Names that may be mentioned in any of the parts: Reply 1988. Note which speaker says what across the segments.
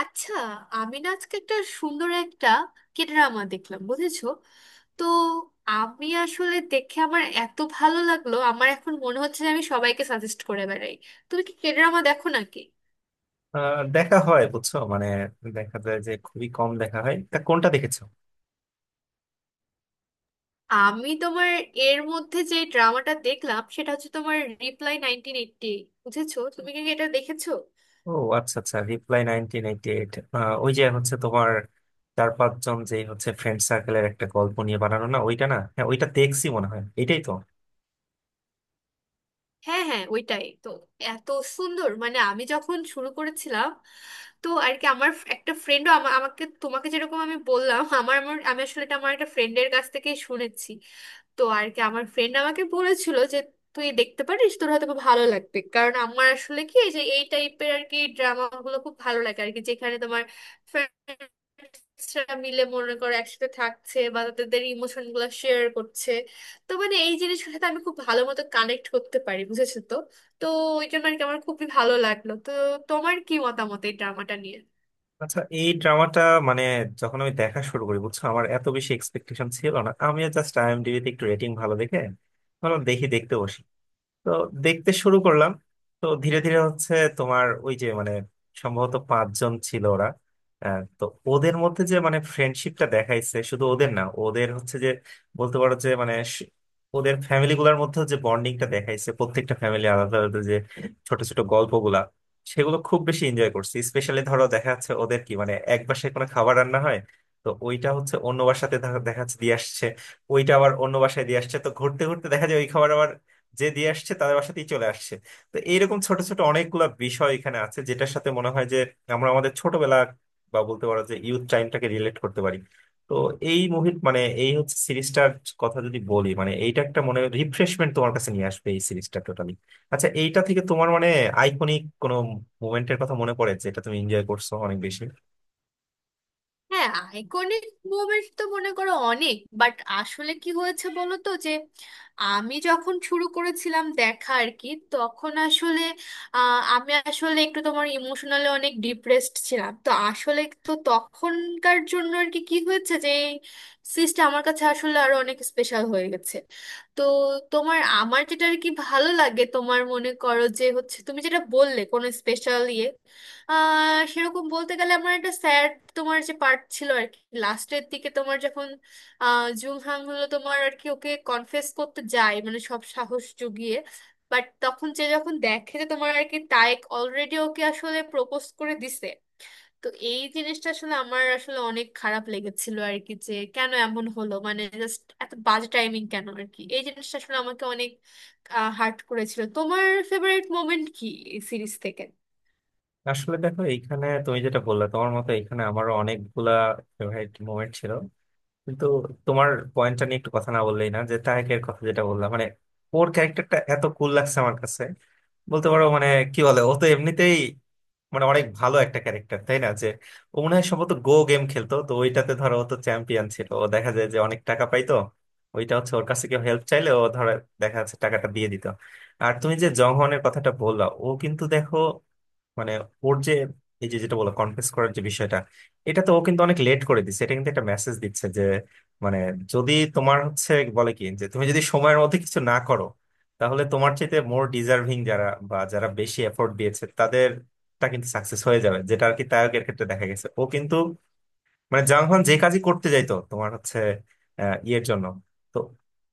Speaker 1: আচ্ছা, আমি না আজকে একটা সুন্দর একটা কে ড্রামা দেখলাম, বুঝেছো? তো আমি আসলে দেখে আমার এত ভালো লাগলো, আমার এখন মনে হচ্ছে যে আমি সবাইকে সাজেস্ট করে বেড়াই। তুমি কি কে ড্রামা দেখো নাকি?
Speaker 2: দেখা হয় বুঝছো, মানে দেখা যায় যে খুবই কম দেখা হয়। তা কোনটা দেখেছো?
Speaker 1: আমি তোমার এর মধ্যে যে ড্রামাটা দেখলাম সেটা হচ্ছে তোমার রিপ্লাই 1988, বুঝেছো? তুমি কি এটা দেখেছো?
Speaker 2: ও, আচ্ছা আচ্ছা, রিপ্লাই 1988। ওই যে হচ্ছে তোমার চার পাঁচজন যে হচ্ছে ফ্রেন্ড সার্কেলের একটা গল্প নিয়ে বানানো, না? ওইটা না? হ্যাঁ ওইটা, দেখছি মনে হয় এটাই তো।
Speaker 1: হ্যাঁ, হ্যাঁ, ওইটাই তো এত সুন্দর। মানে আমি যখন শুরু করেছিলাম, তো আর কি আমার একটা ফ্রেন্ডও আমাকে তোমাকে যেরকম আমি বললাম, আমার আমার আমি আসলে এটা আমার একটা ফ্রেন্ডের কাছ থেকে শুনেছি। তো আর কি আমার ফ্রেন্ড আমাকে বলেছিল যে তুই দেখতে পারিস, তোর হয়তো খুব ভালো লাগবে, কারণ আমার আসলে কি এই যে এই টাইপের আর কি ড্রামা গুলো খুব ভালো লাগে আর কি, যেখানে তোমার friends-রা মিলে মনে করো একসাথে থাকছে বা তাদের ইমোশন গুলো শেয়ার করছে। তো মানে এই জিনিসগুলোর সাথে আমি খুব ভালো মতো কানেক্ট করতে পারি, বুঝেছো? তো তো ওই জন্য আর কি আমার খুবই ভালো লাগলো। তো তোমার কি মতামত এই ড্রামাটা নিয়ে?
Speaker 2: আচ্ছা, এই ড্রামাটা মানে যখন আমি দেখা শুরু করি বুঝছো, আমার এত বেশি এক্সপেকটেশন ছিল না। আমি জাস্ট আইএমডিবিতে একটু রেটিং ভালো দেখে ভাবলাম দেখি দেখতে বসি। তো দেখতে শুরু করলাম। তো ধীরে ধীরে হচ্ছে তোমার ওই যে মানে সম্ভবত পাঁচজন ছিল ওরা। তো ওদের মধ্যে যে মানে ফ্রেন্ডশিপটা দেখাইছে, শুধু ওদের না, ওদের হচ্ছে যে বলতে পারো যে মানে ওদের ফ্যামিলি গুলার মধ্যে যে বন্ডিংটা দেখাইছে, প্রত্যেকটা ফ্যামিলি আলাদা আলাদা, যে ছোট ছোট গল্পগুলা, সেগুলো খুব বেশি এনজয় করছি। স্পেশালি ধরো দেখা যাচ্ছে ওদের কি মানে এক বাসায় কোনো খাবার রান্না হয়, তো ওইটা হচ্ছে অন্য বাসাতে দেখা দেখা যাচ্ছে দিয়ে আসছে, ওইটা আবার অন্য বাসায় দিয়ে আসছে, তো ঘুরতে ঘুরতে দেখা যায় যে দিয়ে আসছে তাদের বাসাতেই চলে আসছে। তো এইরকম ছোট ছোট অনেকগুলা বিষয় এখানে আছে যেটার সাথে মনে হয় যে আমরা আমাদের ছোটবেলা বা বলতে পারো যে ইউথ টাইমটাকে রিলেট করতে পারি। তো এই মুভির মানে এই হচ্ছে সিরিজটার কথা যদি বলি, মানে এইটা একটা মনে রিফ্রেশমেন্ট তোমার কাছে নিয়ে আসবে এই সিরিজটা টোটালি। আচ্ছা, এইটা থেকে তোমার মানে আইকনিক কোনো মুভমেন্টের কথা মনে পড়ে যেটা তুমি এনজয় করছো অনেক বেশি?
Speaker 1: হ্যাঁ, আইকনিক মোমেন্ট তো মনে করো অনেক, বাট আসলে কি হয়েছে বলো তো যে আমি যখন শুরু করেছিলাম দেখা আর কি, তখন আসলে আমি আসলে একটু তোমার ইমোশনালি অনেক ডিপ্রেসড ছিলাম। তো আসলে তো তখনকার জন্য আর কি কি হয়েছে যে এই সিরিজটা আমার কাছে আসলে আরো অনেক স্পেশাল হয়ে গেছে। তো তোমার আমার যেটা আর কি ভালো লাগে, তোমার মনে করো যে হচ্ছে তুমি যেটা বললে কোনো স্পেশাল ইয়ে, আহ সেরকম বলতে গেলে আমার একটা স্যাড তোমার যে পার্ট ছিল আর কি লাস্টের দিকে, তোমার যখন আহ জুলহাং হলো তোমার আর কি ওকে কনফেস করতে যায়, মানে সব সাহস জুগিয়ে, বাট তখন যে যখন দেখে যে তোমার আর কি তায়েক অলরেডি ওকে আসলে প্রপোজ করে দিছে। তো এই জিনিসটা আসলে আমার আসলে অনেক খারাপ লেগেছিল আর কি, যে কেন এমন হলো, মানে জাস্ট এত বাজে টাইমিং কেন আর কি। এই জিনিসটা আসলে আমাকে অনেক হার্ট করেছিল। তোমার ফেভারিট মোমেন্ট কি এই সিরিজ থেকে?
Speaker 2: আসলে দেখো, এইখানে তুমি যেটা বললে তোমার মতো এইখানে আমারও অনেকগুলা ফেভারিট মোমেন্ট ছিল। কিন্তু তোমার পয়েন্টটা নিয়ে একটু কথা না বললেই না, যে তাহেকের কথা যেটা বললাম, মানে ওর ক্যারেক্টারটা এত কুল লাগছে আমার কাছে। বলতে পারো মানে, কি বলে, ও তো এমনিতেই মানে অনেক ভালো একটা ক্যারেক্টার, তাই না? যে ও মনে হয় সম্ভবত গো গেম খেলতো, তো ওইটাতে ধরো ও তো চ্যাম্পিয়ন ছিল, ও দেখা যায় যে অনেক টাকা পাইতো। ওইটা হচ্ছে ওর কাছে কেউ হেল্প চাইলে ও ধরো দেখা যাচ্ছে টাকাটা দিয়ে দিত। আর তুমি যে জংহনের কথাটা বললা, ও কিন্তু দেখো মানে ওর যে এই যে যেটা বলো কনফেস করার যে বিষয়টা, এটা তো ও কিন্তু অনেক লেট করে দিচ্ছে, এটা কিন্তু একটা মেসেজ দিচ্ছে যে, মানে যদি তোমার হচ্ছে বলে কি যে তুমি যদি সময়ের মধ্যে কিছু না করো, তাহলে তোমার চাইতে মোর ডিজার্ভিং যারা বা যারা বেশি এফোর্ট দিয়েছে তাদেরটা কিন্তু সাকসেস হয়ে যাবে, যেটা আর কি তারকের ক্ষেত্রে দেখা গেছে। ও কিন্তু মানে জাংহান যে কাজই করতে যাইতো তোমার হচ্ছে ইয়ের জন্য, তো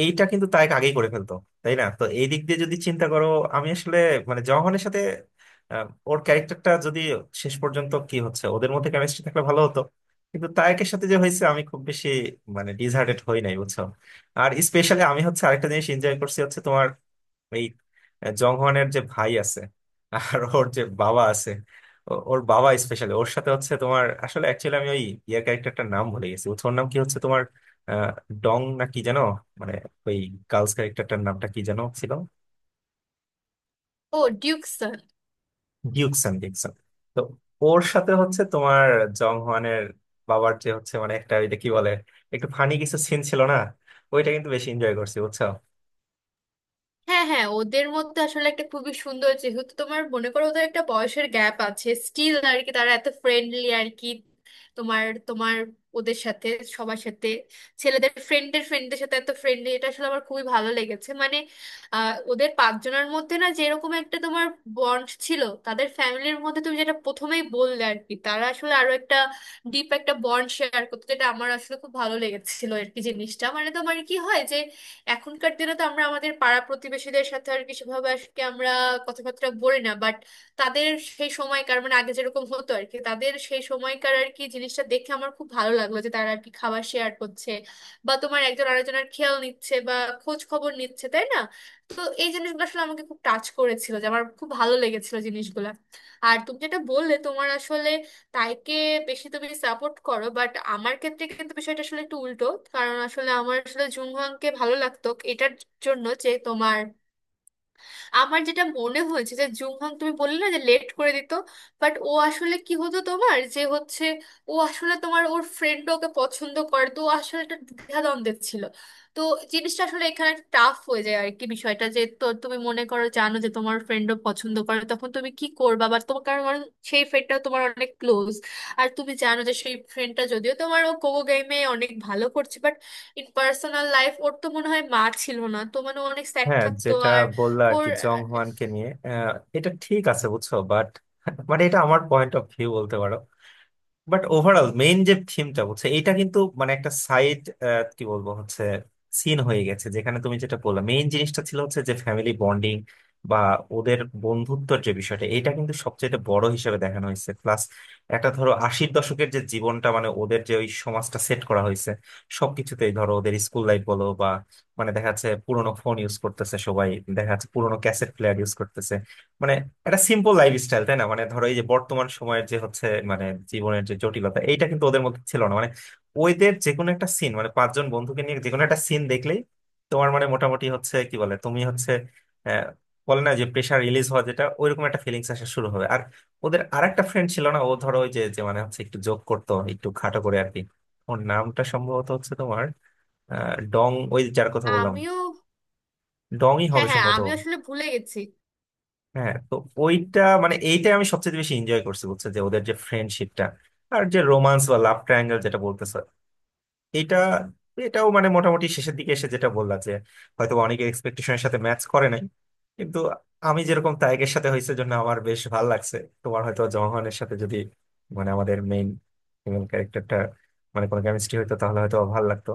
Speaker 2: এইটা কিন্তু তাই আগেই করে ফেলতো, তাই না? তো এই দিক দিয়ে যদি চিন্তা করো, আমি আসলে মানে জংহনের সাথে ওর ক্যারেক্টারটা যদি শেষ পর্যন্ত কি হচ্ছে ওদের মধ্যে কেমিস্ট্রি থাকলে ভালো হতো। কিন্তু তায়েকের সাথে যে হয়েছে আমি খুব বেশি মানে ডিসহার্টেড হই নাই বুঝছো। আর স্পেশালি আমি হচ্ছে আরেকটা জিনিস এনজয় করছি হচ্ছে তোমার এই জংহনের যে ভাই আছে, আর ওর যে বাবা আছে। ওর বাবা স্পেশালি ওর সাথে হচ্ছে তোমার আসলে অ্যাকচুয়ালি আমি ওই ইয়ে ক্যারেক্টারটার নাম ভুলে গেছি। ওর ওর নাম কি হচ্ছে তোমার আহ, ডং না কি যেন, মানে ওই গার্লস ক্যারেক্টারটার নামটা কি যেন ছিল?
Speaker 1: ও ডিউকসন।
Speaker 2: ডিউকসন, ডিউকসন। তো ওর সাথে হচ্ছে তোমার জংহনের বাবার যে হচ্ছে মানে একটা ওইটা কি বলে একটু ফানি কিছু সিন ছিল না, ওইটা কিন্তু বেশি এনজয় করছি বুঝছো।
Speaker 1: হ্যাঁ, হ্যাঁ, ওদের মধ্যে আসলে একটা খুবই সুন্দর, যেহেতু তোমার মনে করো ওদের একটা বয়সের গ্যাপ আছে, স্টিল আর কি তারা এত ফ্রেন্ডলি আর কি, তোমার তোমার ওদের সাথে সবার সাথে ছেলেদের ফ্রেন্ডের ফ্রেন্ডদের সাথে এত ফ্রেন্ডলি, এটা আসলে আমার খুবই ভালো লেগেছে। মানে আহ ওদের পাঁচজনের মধ্যে না যেরকম একটা তোমার বন্ড ছিল, তাদের ফ্যামিলির মধ্যে তুমি যেটা প্রথমেই বললে আর কি, তারা আসলে আরো একটা ডিপ একটা বন্ড শেয়ার করতো, যেটা আমার আসলে খুব ভালো লেগেছিল আর কি জিনিসটা। মানে তোমার কি হয়, এখনকার দিনে তো আমরা আমাদের পাড়া প্রতিবেশীদের সাথে আর কি সেভাবে আজকে আমরা কথাবার্তা বলি না, বাট তাদের সেই সময়কার মানে আগে যেরকম হতো আর কি, তাদের সেই সময়কার আর কি জিনিসটা দেখে আমার খুব ভালো লাগলো, যে তারা আর কি খাবার শেয়ার করছে বা তোমার একজন আরেকজনের খেয়াল নিচ্ছে বা খোঁজ খবর নিচ্ছে, তাই না? তো এই জিনিসগুলো আসলে আমাকে খুব টাচ করেছিল, যে আমার খুব ভালো লেগেছিল জিনিসগুলো। আর তুমি যেটা বললে তোমার আসলে তাইকে বেশি তুমি সাপোর্ট করো, বাট আমার ক্ষেত্রে কিন্তু বিষয়টা আসলে একটু উল্টো, কারণ আসলে আমার আসলে জুংহাংকে ভালো লাগতো। এটার জন্য যে তোমার আমার যেটা মনে হয়েছে যে জুমহাং তুমি বললে না যে লেট করে দিত, বাট ও আসলে কি হতো তোমার যে হচ্ছে ও আসলে তোমার ওর ফ্রেন্ড ওকে পছন্দ করে, তো ও আসলে একটা দ্বিধাদ্বন্দ্বে ছিল। তো জিনিসটা আসলে এখানে টাফ হয়ে যায় আর কি বিষয়টা, যে তো তুমি মনে করো জানো যে তোমার ফ্রেন্ডও পছন্দ করে, তখন তুমি কি করবা বা তোমার কারণ কারণ সেই ফ্রেন্ডটা তোমার অনেক ক্লোজ। আর তুমি জানো যে সেই ফ্রেন্ডটা যদিও তোমার ও কোকো গেমে অনেক ভালো করছে, বাট ইন পার্সোনাল লাইফ ওর তো মনে হয় মা ছিল না, তো মানে ও অনেক স্যাড
Speaker 2: হ্যাঁ,
Speaker 1: থাকতো।
Speaker 2: যেটা বললা আর
Speaker 1: ওর
Speaker 2: কি জং হোয়ানকে নিয়ে, এটা ঠিক আছে বুঝছো, বাট মানে এটা আমার পয়েন্ট অফ ভিউ বলতে পারো। বাট ওভারঅল মেইন যে থিমটা বলছে এটা কিন্তু মানে একটা সাইড, কি বলবো হচ্ছে, সিন হয়ে গেছে, যেখানে তুমি যেটা বললে মেইন জিনিসটা ছিল হচ্ছে যে ফ্যামিলি বন্ডিং বা ওদের বন্ধুত্বর যে বিষয়টা, এটা কিন্তু সবচেয়ে বড় হিসেবে দেখানো হয়েছে। প্লাস একটা ধরো আশির দশকের যে জীবনটা মানে ওদের যে ওই সমাজটা সেট করা হয়েছে। সবকিছুতেই ধরো ওদের স্কুল লাইফ বলো বা মানে দেখা যাচ্ছে পুরোনো ফোন ইউজ করতেছে সবাই, দেখা যাচ্ছে পুরোনো ক্যাসেট প্লেয়ার ইউজ করতেছে। মানে একটা সিম্পল লাইফ স্টাইল, তাই না? মানে ধরো এই যে বর্তমান সময়ের যে হচ্ছে মানে জীবনের যে জটিলতা এইটা কিন্তু ওদের মধ্যে ছিল না, মানে ওদের যে কোনো একটা সিন মানে পাঁচজন বন্ধুকে নিয়ে যে কোনো একটা সিন দেখলেই তোমার মানে মোটামুটি হচ্ছে কি বলে, তুমি হচ্ছে আহ, বলে না যে প্রেশার রিলিজ হওয়া, যেটা ওইরকম একটা ফিলিংস আসা শুরু হবে। আর ওদের আরেকটা ফ্রেন্ড ছিল না? ও ধরো ওই যে যে মানে হচ্ছে একটু জোক করতো একটু খাটো করে আর কি। ওর নামটা সম্ভবত হচ্ছে তোমার ডং, ওই যার কথা বললাম।
Speaker 1: আমিও।
Speaker 2: ডংই
Speaker 1: হ্যাঁ,
Speaker 2: হবে
Speaker 1: হ্যাঁ,
Speaker 2: সম্ভবত।
Speaker 1: আমি আসলে ভুলে গেছি।
Speaker 2: হ্যাঁ, তো ওইটা মানে এইটাই আমি সবচেয়ে বেশি এনজয় করছি বুঝছো, যে ওদের যে ফ্রেন্ডশিপটা আর যে রোমান্স বা লাভ ট্রায়াঙ্গেল যেটা বলতেছে এটা এটাও মানে মোটামুটি শেষের দিকে এসে যেটা বললা যে হয়তো অনেকে এক্সপেকটেশনের সাথে ম্যাচ করে নাই। কিন্তু আমি যেরকম তায়েকের সাথে হয়েছে জন্য আমার বেশ ভালো লাগছে। তোমার হয়তো জহনের সাথে যদি মানে আমাদের মেইন ফিমেল ক্যারেক্টারটা মানে কোনো কেমিস্ট্রি হইতো তাহলে হয়তো ভালো লাগতো।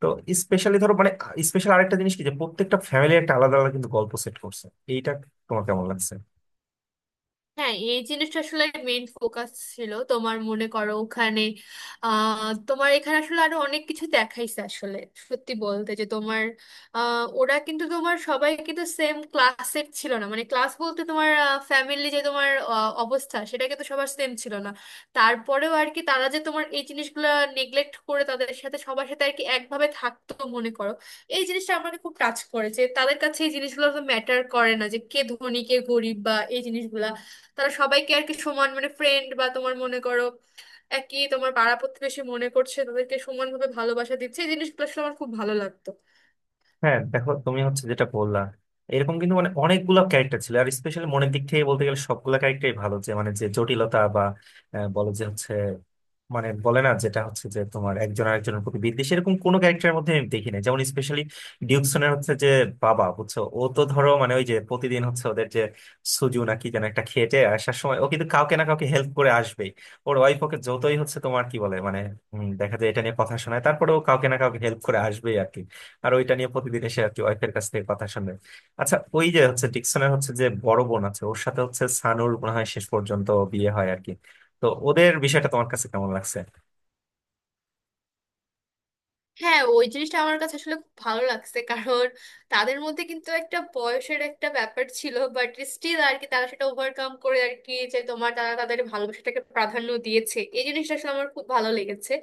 Speaker 2: তো স্পেশালি ধরো মানে স্পেশাল আরেকটা জিনিস কি যে প্রত্যেকটা ফ্যামিলি একটা আলাদা আলাদা কিন্তু গল্প সেট করছে, এইটা তোমার কেমন লাগছে?
Speaker 1: হ্যাঁ, এই জিনিসটা আসলে মেইন ফোকাস ছিল তোমার মনে করো ওখানে। আহ তোমার এখানে আসলে আরো অনেক কিছু দেখাইছে আসলে। সত্যি বলতে যে তোমার ওরা কিন্তু তোমার সবাই কিন্তু সেম ক্লাসের ছিল না, মানে ক্লাস বলতে তোমার ফ্যামিলি যে তোমার অবস্থা সেটা কিন্তু সবার সেম ছিল না। তারপরেও আর কি তারা যে তোমার এই জিনিসগুলো নেগলেক্ট করে তাদের সাথে সবার সাথে আর কি একভাবে থাকতো মনে করো। এই জিনিসটা আমাকে খুব টাচ করেছে, তাদের কাছে এই জিনিসগুলো ম্যাটার করে না যে কে ধনী কে গরিব বা এই জিনিসগুলা। তারা সবাইকে আর কি সমান মানে ফ্রেন্ড বা তোমার মনে করো একই তোমার পাড়া প্রতিবেশী মনে করছে, তাদেরকে সমানভাবে ভালোবাসা দিচ্ছে। এই জিনিসগুলো আসলে আমার খুব ভালো লাগতো।
Speaker 2: হ্যাঁ দেখো, তুমি হচ্ছে যেটা বললা এরকম কিন্তু মানে অনেকগুলো ক্যারেক্টার ছিল। আর স্পেশালি মনের দিক থেকে বলতে গেলে সবগুলো ক্যারেক্টারই ভালো, যে মানে যে জটিলতা বা বলে যে হচ্ছে মানে বলে না, যেটা হচ্ছে যে তোমার একজন আরেকজনের প্রতি বিদ্বেষ এরকম কোনো ক্যারেক্টারের মধ্যে আমি দেখি না। যেমন স্পেশালি ডিউকসনের হচ্ছে যে বাবা বুঝছো, ও তো ধরো মানে ওই যে প্রতিদিন হচ্ছে ওদের যে সুজু নাকি যেন একটা খেটে আসার সময় ও কিন্তু কাউকে না কাউকে হেল্প করে আসবেই। ওর ওয়াইফ ওকে যতই হচ্ছে তোমার কি বলে মানে দেখা যায় এটা নিয়ে কথা শোনায়, তারপরে ও কাউকে না কাউকে হেল্প করে আসবেই আর কি। আর ওইটা নিয়ে প্রতিদিন এসে আর কি ওয়াইফের কাছ থেকে কথা শুনে। আচ্ছা, ওই যে হচ্ছে ডিকসনের হচ্ছে যে বড় বোন আছে ওর সাথে হচ্ছে সানুর মনে হয় শেষ পর্যন্ত বিয়ে হয় আর কি। তো ওদের বিষয়টা তোমার কাছে কেমন লাগছে?
Speaker 1: হ্যাঁ, ওই জিনিসটা আমার কাছে আসলে খুব ভালো লাগছে, কারণ তাদের মধ্যে কিন্তু একটা বয়সের একটা ব্যাপার ছিল, বাট স্টিল আর কি তারা সেটা ওভারকাম করে আর কি, যে তোমার তারা তাদের ভালোবাসাটাকে প্রাধান্য দিয়েছে, এই জিনিসটা আসলে আমার খুব ভালো লেগেছে।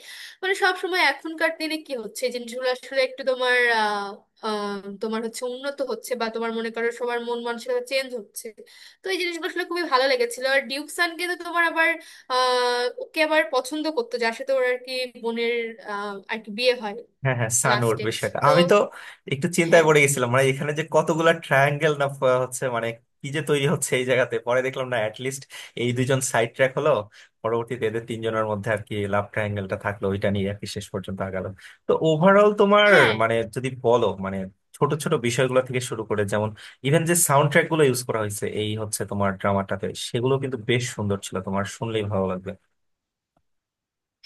Speaker 1: মানে সব সময় এখনকার দিনে কি হচ্ছে এই জিনিসগুলো আসলে একটু তোমার আহ আহ, তোমার হচ্ছে উন্নত হচ্ছে বা তোমার মনে করো সবার মন মানসিকতা চেঞ্জ হচ্ছে। তো এই জিনিসগুলো আসলে খুবই ভালো লেগেছিল। আর ডিউক সান কিন্তু তোমার আবার আহ ওকে আবার পছন্দ করতো, যার সাথে ওর আর কি বোনের আর কি বিয়ে হয়
Speaker 2: হ্যাঁ হ্যাঁ, সানুর
Speaker 1: লাস্টে।
Speaker 2: বিষয়টা
Speaker 1: তো
Speaker 2: আমি তো একটু চিন্তায়
Speaker 1: হ্যাঁ,
Speaker 2: পড়ে গেছিলাম, মানে এখানে যে কতগুলা ট্রায়াঙ্গেল না হচ্ছে মানে কি যে তৈরি হচ্ছে এই জায়গাতে, পরে দেখলাম না, অ্যাটলিস্ট এই দুইজন সাইড ট্র্যাক হলো। পরবর্তীতে এদের তিনজনের মধ্যে আর কি লাভ ট্রায়াঙ্গেলটা থাকলো, ওইটা নিয়ে আর কি শেষ পর্যন্ত আগালো। তো ওভারঅল তোমার,
Speaker 1: হ্যাঁ।
Speaker 2: মানে যদি বলো মানে ছোট ছোট বিষয়গুলো থেকে শুরু করে, যেমন ইভেন যে সাউন্ড ট্র্যাক গুলো ইউজ করা হয়েছে এই হচ্ছে তোমার ড্রামাটাতে, সেগুলো কিন্তু বেশ সুন্দর ছিল, তোমার শুনলেই ভালো লাগবে।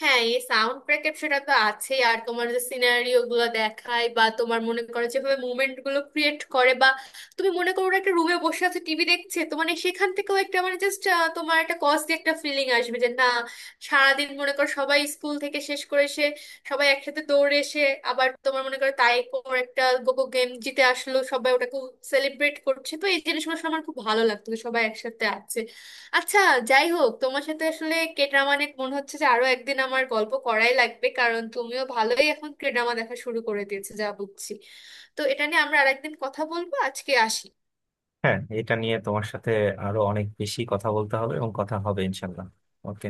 Speaker 1: হ্যাঁ, এই সাউন্ড ব্যাকআপ সেটা তো আছেই, আর তোমার যে সিনারিও গুলো দেখায় বা তোমার মনে করো যেভাবে মুভমেন্ট গুলো ক্রিয়েট করে বা তুমি মনে করো একটা রুমে বসে আছো টিভি দেখছে, তো মানে সেখান থেকেও একটা মানে জাস্ট তোমার একটা কজি একটা ফিলিং আসবে, যে না সারাদিন মনে করো সবাই স্কুল থেকে শেষ করে এসে সবাই একসাথে দৌড়ে এসে, আবার তোমার মনে করো তাই পর একটা গোগো গেম জিতে আসলো সবাই, ওটাকে সেলিব্রেট করছে। তো এই জিনিসগুলো শুনে আমার খুব ভালো লাগতো যে সবাই একসাথে আছে। আচ্ছা, যাই হোক, তোমার সাথে আসলে কে ড্রামা নিয়ে মনে হচ্ছে যে আরো একদিন আমার গল্প করাই লাগবে, কারণ তুমিও ভালোই এখন কে ড্রামা দেখা শুরু করে দিয়েছো যা বুঝছি। তো এটা নিয়ে আমরা আরেকদিন কথা বলবো, আজকে আসি।
Speaker 2: হ্যাঁ, এটা নিয়ে তোমার সাথে আরো অনেক বেশি কথা বলতে হবে এবং কথা হবে ইনশাল্লাহ। ওকে।